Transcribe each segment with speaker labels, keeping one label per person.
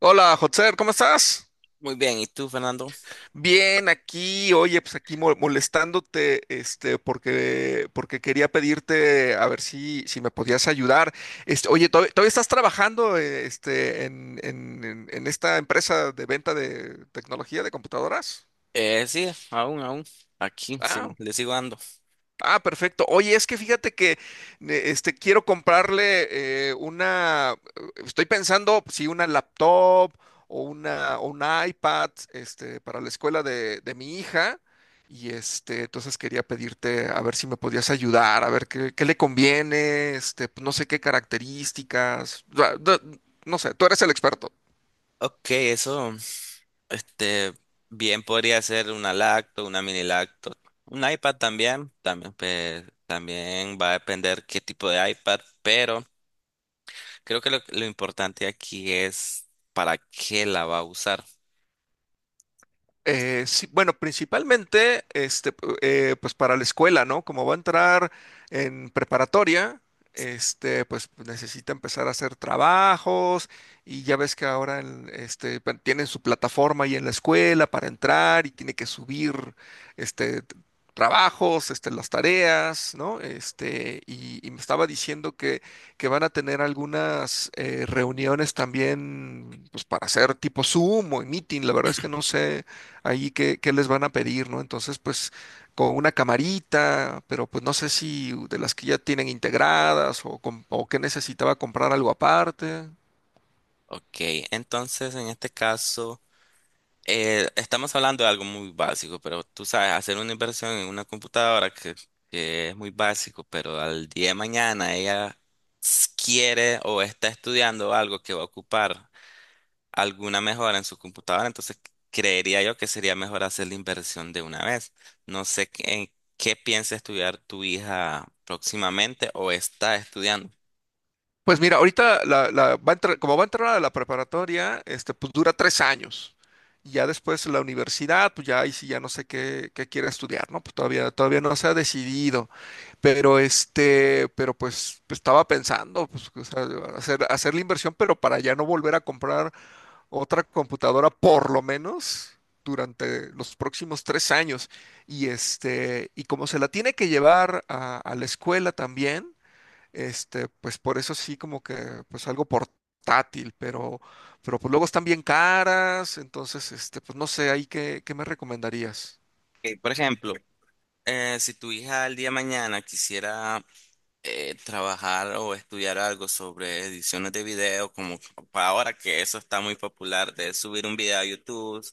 Speaker 1: Hola, Hotzer, ¿cómo estás?
Speaker 2: Muy bien, ¿y tú, Fernando?
Speaker 1: Bien, aquí, oye, pues aquí molestándote, porque quería pedirte a ver si me podías ayudar. Oye, ¿todavía estás trabajando, en esta empresa de venta de tecnología de computadoras?
Speaker 2: Sí, aún. Aquí, sí,
Speaker 1: Ah,
Speaker 2: le sigo dando.
Speaker 1: ah, perfecto. Oye, es que fíjate que quiero comprarle una. Estoy pensando si una laptop o una o un iPad para la escuela de mi hija. Y entonces quería pedirte a ver si me podías ayudar, a ver qué le conviene, no sé qué características. No sé, tú eres el experto.
Speaker 2: Ok, eso, este, bien podría ser una lacto, una mini lacto. Un iPad también, pues, también va a depender qué tipo de iPad, pero creo que lo importante aquí es para qué la va a usar.
Speaker 1: Sí, bueno, principalmente, pues para la escuela, ¿no? Como va a entrar en preparatoria, pues necesita empezar a hacer trabajos y ya ves que ahora, tienen su plataforma ahí en la escuela para entrar y tiene que subir, este, t- trabajos, las tareas, ¿no? Y me estaba diciendo que van a tener algunas reuniones también, pues para hacer tipo Zoom o meeting, la verdad es que no sé ahí qué, les van a pedir, ¿no? Entonces, pues con una camarita, pero pues no sé si de las que ya tienen integradas o que necesitaba comprar algo aparte.
Speaker 2: Ok, entonces en este caso. Estamos hablando de algo muy básico, pero tú sabes, hacer una inversión en una computadora que es muy básico, pero al día de mañana ella quiere o está estudiando algo que va a ocupar alguna mejora en su computadora, entonces creería yo que sería mejor hacer la inversión de una vez. No sé qué, en qué piensa estudiar tu hija próximamente o está estudiando.
Speaker 1: Pues mira, ahorita como va a entrar a la preparatoria, pues dura 3 años. Y ya después la universidad, pues ya ahí sí ya no sé qué quiere estudiar, ¿no? Pues todavía no se ha decidido. Pero pues, estaba pensando, pues, o sea, hacer la inversión, pero para ya no volver a comprar otra computadora por lo menos durante los próximos 3 años. Y como se la tiene que llevar a la escuela también, pues por eso sí como que pues algo portátil, pero pues luego están bien caras, entonces pues no sé, ahí qué me recomendarías.
Speaker 2: Por ejemplo, si tu hija al día de mañana quisiera trabajar o estudiar algo sobre ediciones de video, como para ahora que eso está muy popular, de subir un video a YouTube,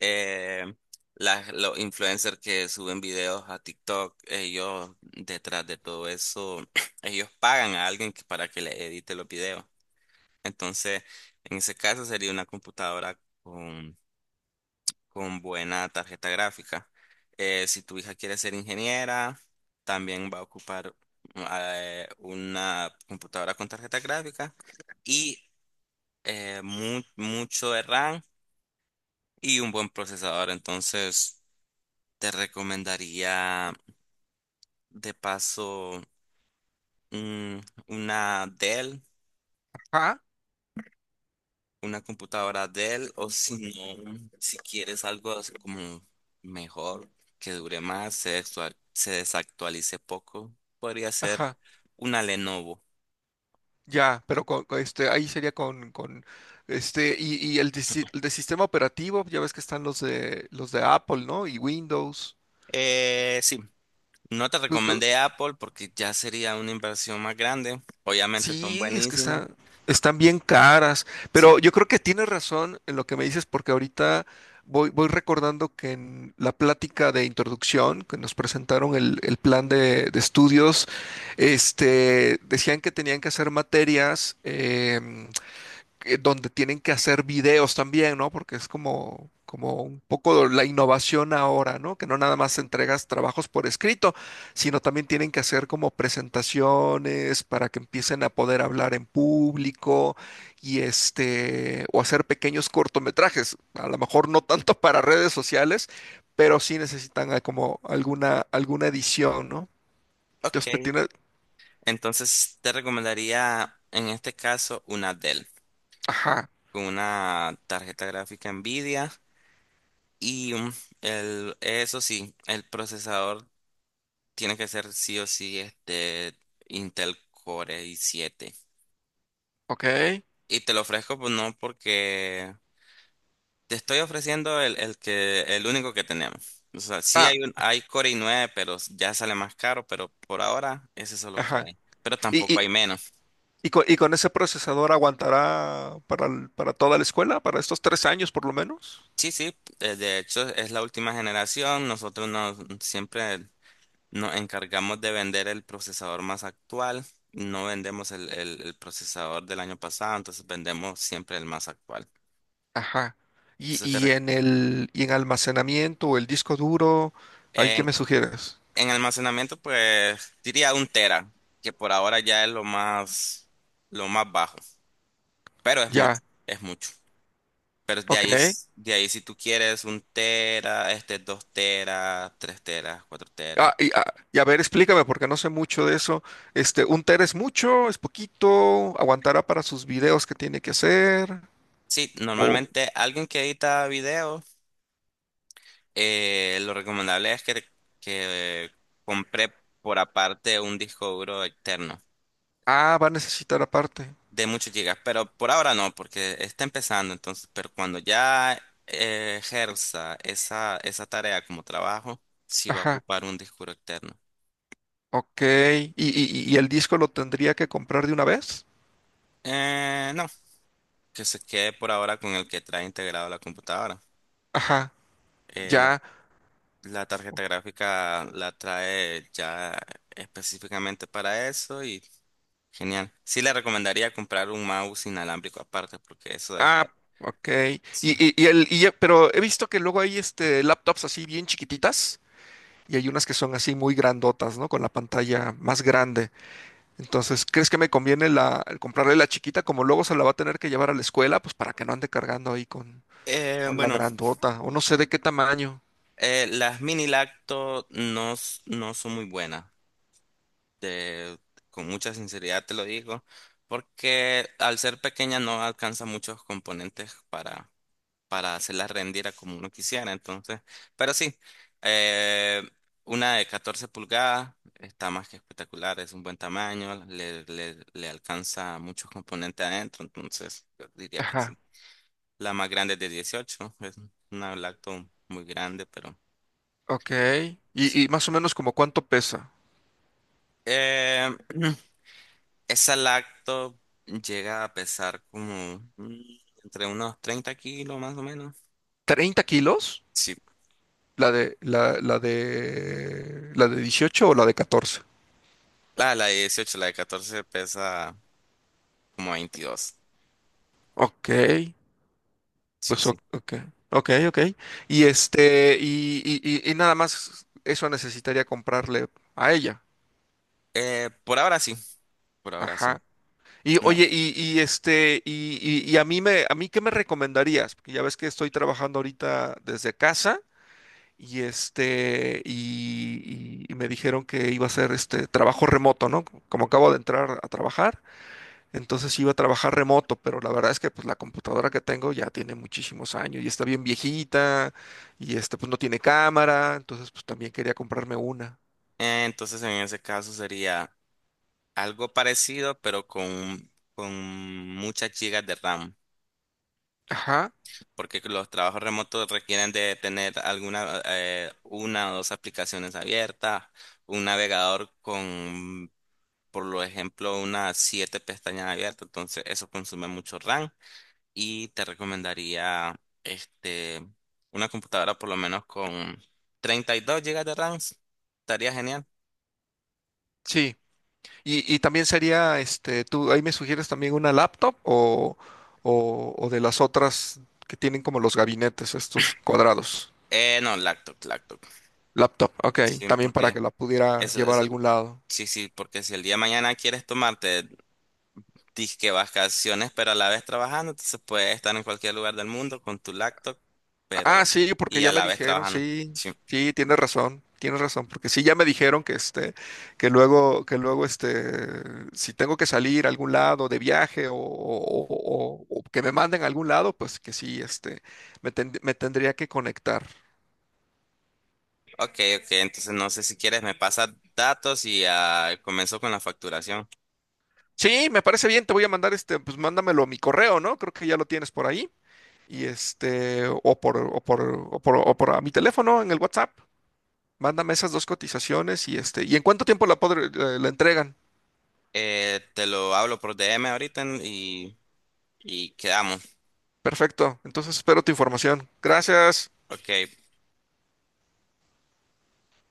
Speaker 2: eh, los influencers que suben videos a TikTok, ellos detrás de todo eso, ellos pagan a alguien para que le edite los videos. Entonces, en ese caso sería una computadora con buena tarjeta gráfica. Si tu hija quiere ser ingeniera, también va a ocupar una computadora con tarjeta gráfica y mucho de RAM y un buen procesador. Entonces, te recomendaría de paso mm, una Dell,
Speaker 1: Ajá,
Speaker 2: una computadora Dell. O si no, si quieres algo así como mejor, que dure más, se desactualice poco, podría ser
Speaker 1: ajá,
Speaker 2: una Lenovo.
Speaker 1: ya, pero con ahí sería con y el de, si- el de sistema operativo, ya ves que están los de Apple, ¿no? Y Windows.
Speaker 2: Sí, no te
Speaker 1: ¿Tú, tú-
Speaker 2: recomendé Apple porque ya sería una inversión más grande. Obviamente son
Speaker 1: Sí, es que
Speaker 2: buenísimas.
Speaker 1: están bien caras,
Speaker 2: Sí,
Speaker 1: pero yo creo que tienes razón en lo que me dices porque ahorita voy recordando que en la plática de introducción que nos presentaron el plan de estudios, decían que tenían que hacer materias, donde tienen que hacer videos también, ¿no? Porque es como un poco la innovación ahora, ¿no? Que no nada más entregas trabajos por escrito, sino también tienen que hacer como presentaciones para que empiecen a poder hablar en público y o hacer pequeños cortometrajes, a lo mejor no tanto para redes sociales, pero sí necesitan como alguna edición, ¿no?
Speaker 2: ok.
Speaker 1: Entonces, pues,
Speaker 2: Entonces te recomendaría en este caso una Dell
Speaker 1: ajá,
Speaker 2: con una tarjeta gráfica Nvidia y eso sí, el procesador tiene que ser sí o sí, este, Intel Core i7.
Speaker 1: ok.
Speaker 2: Y te lo ofrezco, pues no, porque te estoy ofreciendo el único que tenemos. O sea, sí
Speaker 1: Ah,
Speaker 2: hay hay Core i9, pero ya sale más caro, pero por ahora es eso lo que
Speaker 1: ajá.
Speaker 2: hay. Pero
Speaker 1: Y,
Speaker 2: tampoco
Speaker 1: y-
Speaker 2: hay menos.
Speaker 1: ¿y con ese procesador aguantará para toda la escuela, para estos 3 años por lo menos?
Speaker 2: Sí, sí, de hecho es la última generación. Nosotros nos, siempre nos encargamos de vender el procesador más actual. No vendemos el el procesador del año pasado, entonces vendemos siempre el más actual.
Speaker 1: Ajá. Y,
Speaker 2: Entonces
Speaker 1: y
Speaker 2: te
Speaker 1: en el y en almacenamiento o el disco duro, ¿ahí qué
Speaker 2: En,
Speaker 1: me sugieres?
Speaker 2: en almacenamiento, pues diría un tera, que por ahora ya es lo más bajo, pero es mucho,
Speaker 1: Ya,
Speaker 2: es mucho. Pero de
Speaker 1: ok.
Speaker 2: ahí, de ahí si tú quieres un tera, este, dos teras, tres teras, cuatro
Speaker 1: Ah,
Speaker 2: teras.
Speaker 1: y a ver, explícame, porque no sé mucho de eso. ¿Un tera es mucho? ¿Es poquito? ¿Aguantará para sus videos que tiene que hacer?
Speaker 2: Sí,
Speaker 1: O,
Speaker 2: normalmente alguien que edita videos, lo recomendable es que compre por aparte un disco duro externo
Speaker 1: Va a necesitar aparte.
Speaker 2: de muchos gigas, pero por ahora no, porque está empezando, entonces, pero cuando ya ejerza esa tarea como trabajo, sí va a
Speaker 1: Ajá,
Speaker 2: ocupar un disco duro externo.
Speaker 1: ok. ¿Y el disco lo tendría que comprar de una vez?
Speaker 2: No, que se quede por ahora con el que trae integrado la computadora.
Speaker 1: Ajá,
Speaker 2: Eh, la,
Speaker 1: ya.
Speaker 2: la tarjeta gráfica la trae ya específicamente para eso y genial. Sí le recomendaría comprar un mouse inalámbrico aparte, porque eso es...
Speaker 1: Ah, ok.
Speaker 2: sí.
Speaker 1: Pero he visto que luego hay laptops así bien chiquititas y hay unas que son así muy grandotas, ¿no? Con la pantalla más grande. Entonces, ¿crees que me conviene el comprarle la chiquita como luego se la va a tener que llevar a la escuela? Pues para que no ande cargando ahí con, con la
Speaker 2: Bueno.
Speaker 1: grandota o no sé de qué tamaño.
Speaker 2: Las mini lacto no, no son muy buenas, te- con mucha sinceridad te lo digo, porque al ser pequeña no alcanza muchos componentes para hacerlas rendir a como uno quisiera, entonces, pero sí, eh, una de 14 pulgadas está más que espectacular, es un buen tamaño, le alcanza muchos componentes adentro, entonces yo diría que
Speaker 1: Ajá,
Speaker 2: sí. La más grande es de 18, es una lacto muy grande, pero...
Speaker 1: ok.
Speaker 2: sí.
Speaker 1: Y más o menos como cuánto pesa.
Speaker 2: Eh, Esa lacto llega a pesar como entre unos 30 kilos más o menos.
Speaker 1: ¿30 kilos?
Speaker 2: Sí,
Speaker 1: ¿La de 18 o la de 14?
Speaker 2: la de 18, la de 14 pesa como 22.
Speaker 1: Ok.
Speaker 2: Sí,
Speaker 1: Pues
Speaker 2: sí.
Speaker 1: ok, ok, ok. Y este, y, y, y nada más eso necesitaría comprarle a ella.
Speaker 2: Por ahora sí, por ahora sí.
Speaker 1: Ajá. Y oye,
Speaker 2: No.
Speaker 1: a mí qué me recomendarías? Porque ya ves que estoy trabajando ahorita desde casa, y me dijeron que iba a ser este trabajo remoto, ¿no? Como acabo de entrar a trabajar. Entonces iba a trabajar remoto, pero la verdad es que pues la computadora que tengo ya tiene muchísimos años y está bien viejita y pues no tiene cámara, entonces pues también quería comprarme una.
Speaker 2: Entonces en ese caso sería algo parecido, pero con muchas gigas de RAM,
Speaker 1: Ajá,
Speaker 2: porque los trabajos remotos requieren de tener alguna, una o dos aplicaciones abiertas, un navegador con por lo ejemplo, unas siete pestañas abiertas, entonces eso consume mucho RAM y te recomendaría este, una computadora por lo menos con 32 gigas de RAM, estaría genial.
Speaker 1: sí. Y también sería, tú ahí me sugieres también una laptop o de las otras que tienen como los gabinetes, estos cuadrados.
Speaker 2: No, laptop, laptop.
Speaker 1: Laptop, ok,
Speaker 2: Sí,
Speaker 1: también para
Speaker 2: porque
Speaker 1: que la pudiera llevar a
Speaker 2: eso,
Speaker 1: algún lado.
Speaker 2: sí, sí, porque si el día de mañana quieres tomarte disque vacaciones, pero a la vez trabajando, entonces puedes estar en cualquier lugar del mundo con tu laptop,
Speaker 1: Ah,
Speaker 2: pero
Speaker 1: sí, porque
Speaker 2: y a
Speaker 1: ya me
Speaker 2: la vez
Speaker 1: dijeron,
Speaker 2: trabajando.
Speaker 1: sí,
Speaker 2: Sí.
Speaker 1: sí, tienes razón, porque sí, ya me dijeron que que luego si tengo que salir a algún lado de viaje o que me manden a algún lado, pues que sí, me tendría que conectar.
Speaker 2: Ok, ok, entonces no sé si quieres me pasas datos y ah, comenzó con la facturación.
Speaker 1: Sí, me parece bien, te voy a mandar pues mándamelo a mi correo, ¿no? Creo que ya lo tienes por ahí. Y este, o por, o por, o por a mi teléfono en el WhatsApp. Mándame esas dos cotizaciones y ¿y en cuánto tiempo la, podré- la la entregan?
Speaker 2: Te lo hablo por DM ahorita y quedamos.
Speaker 1: Perfecto. Entonces espero tu información. Gracias.
Speaker 2: Ok,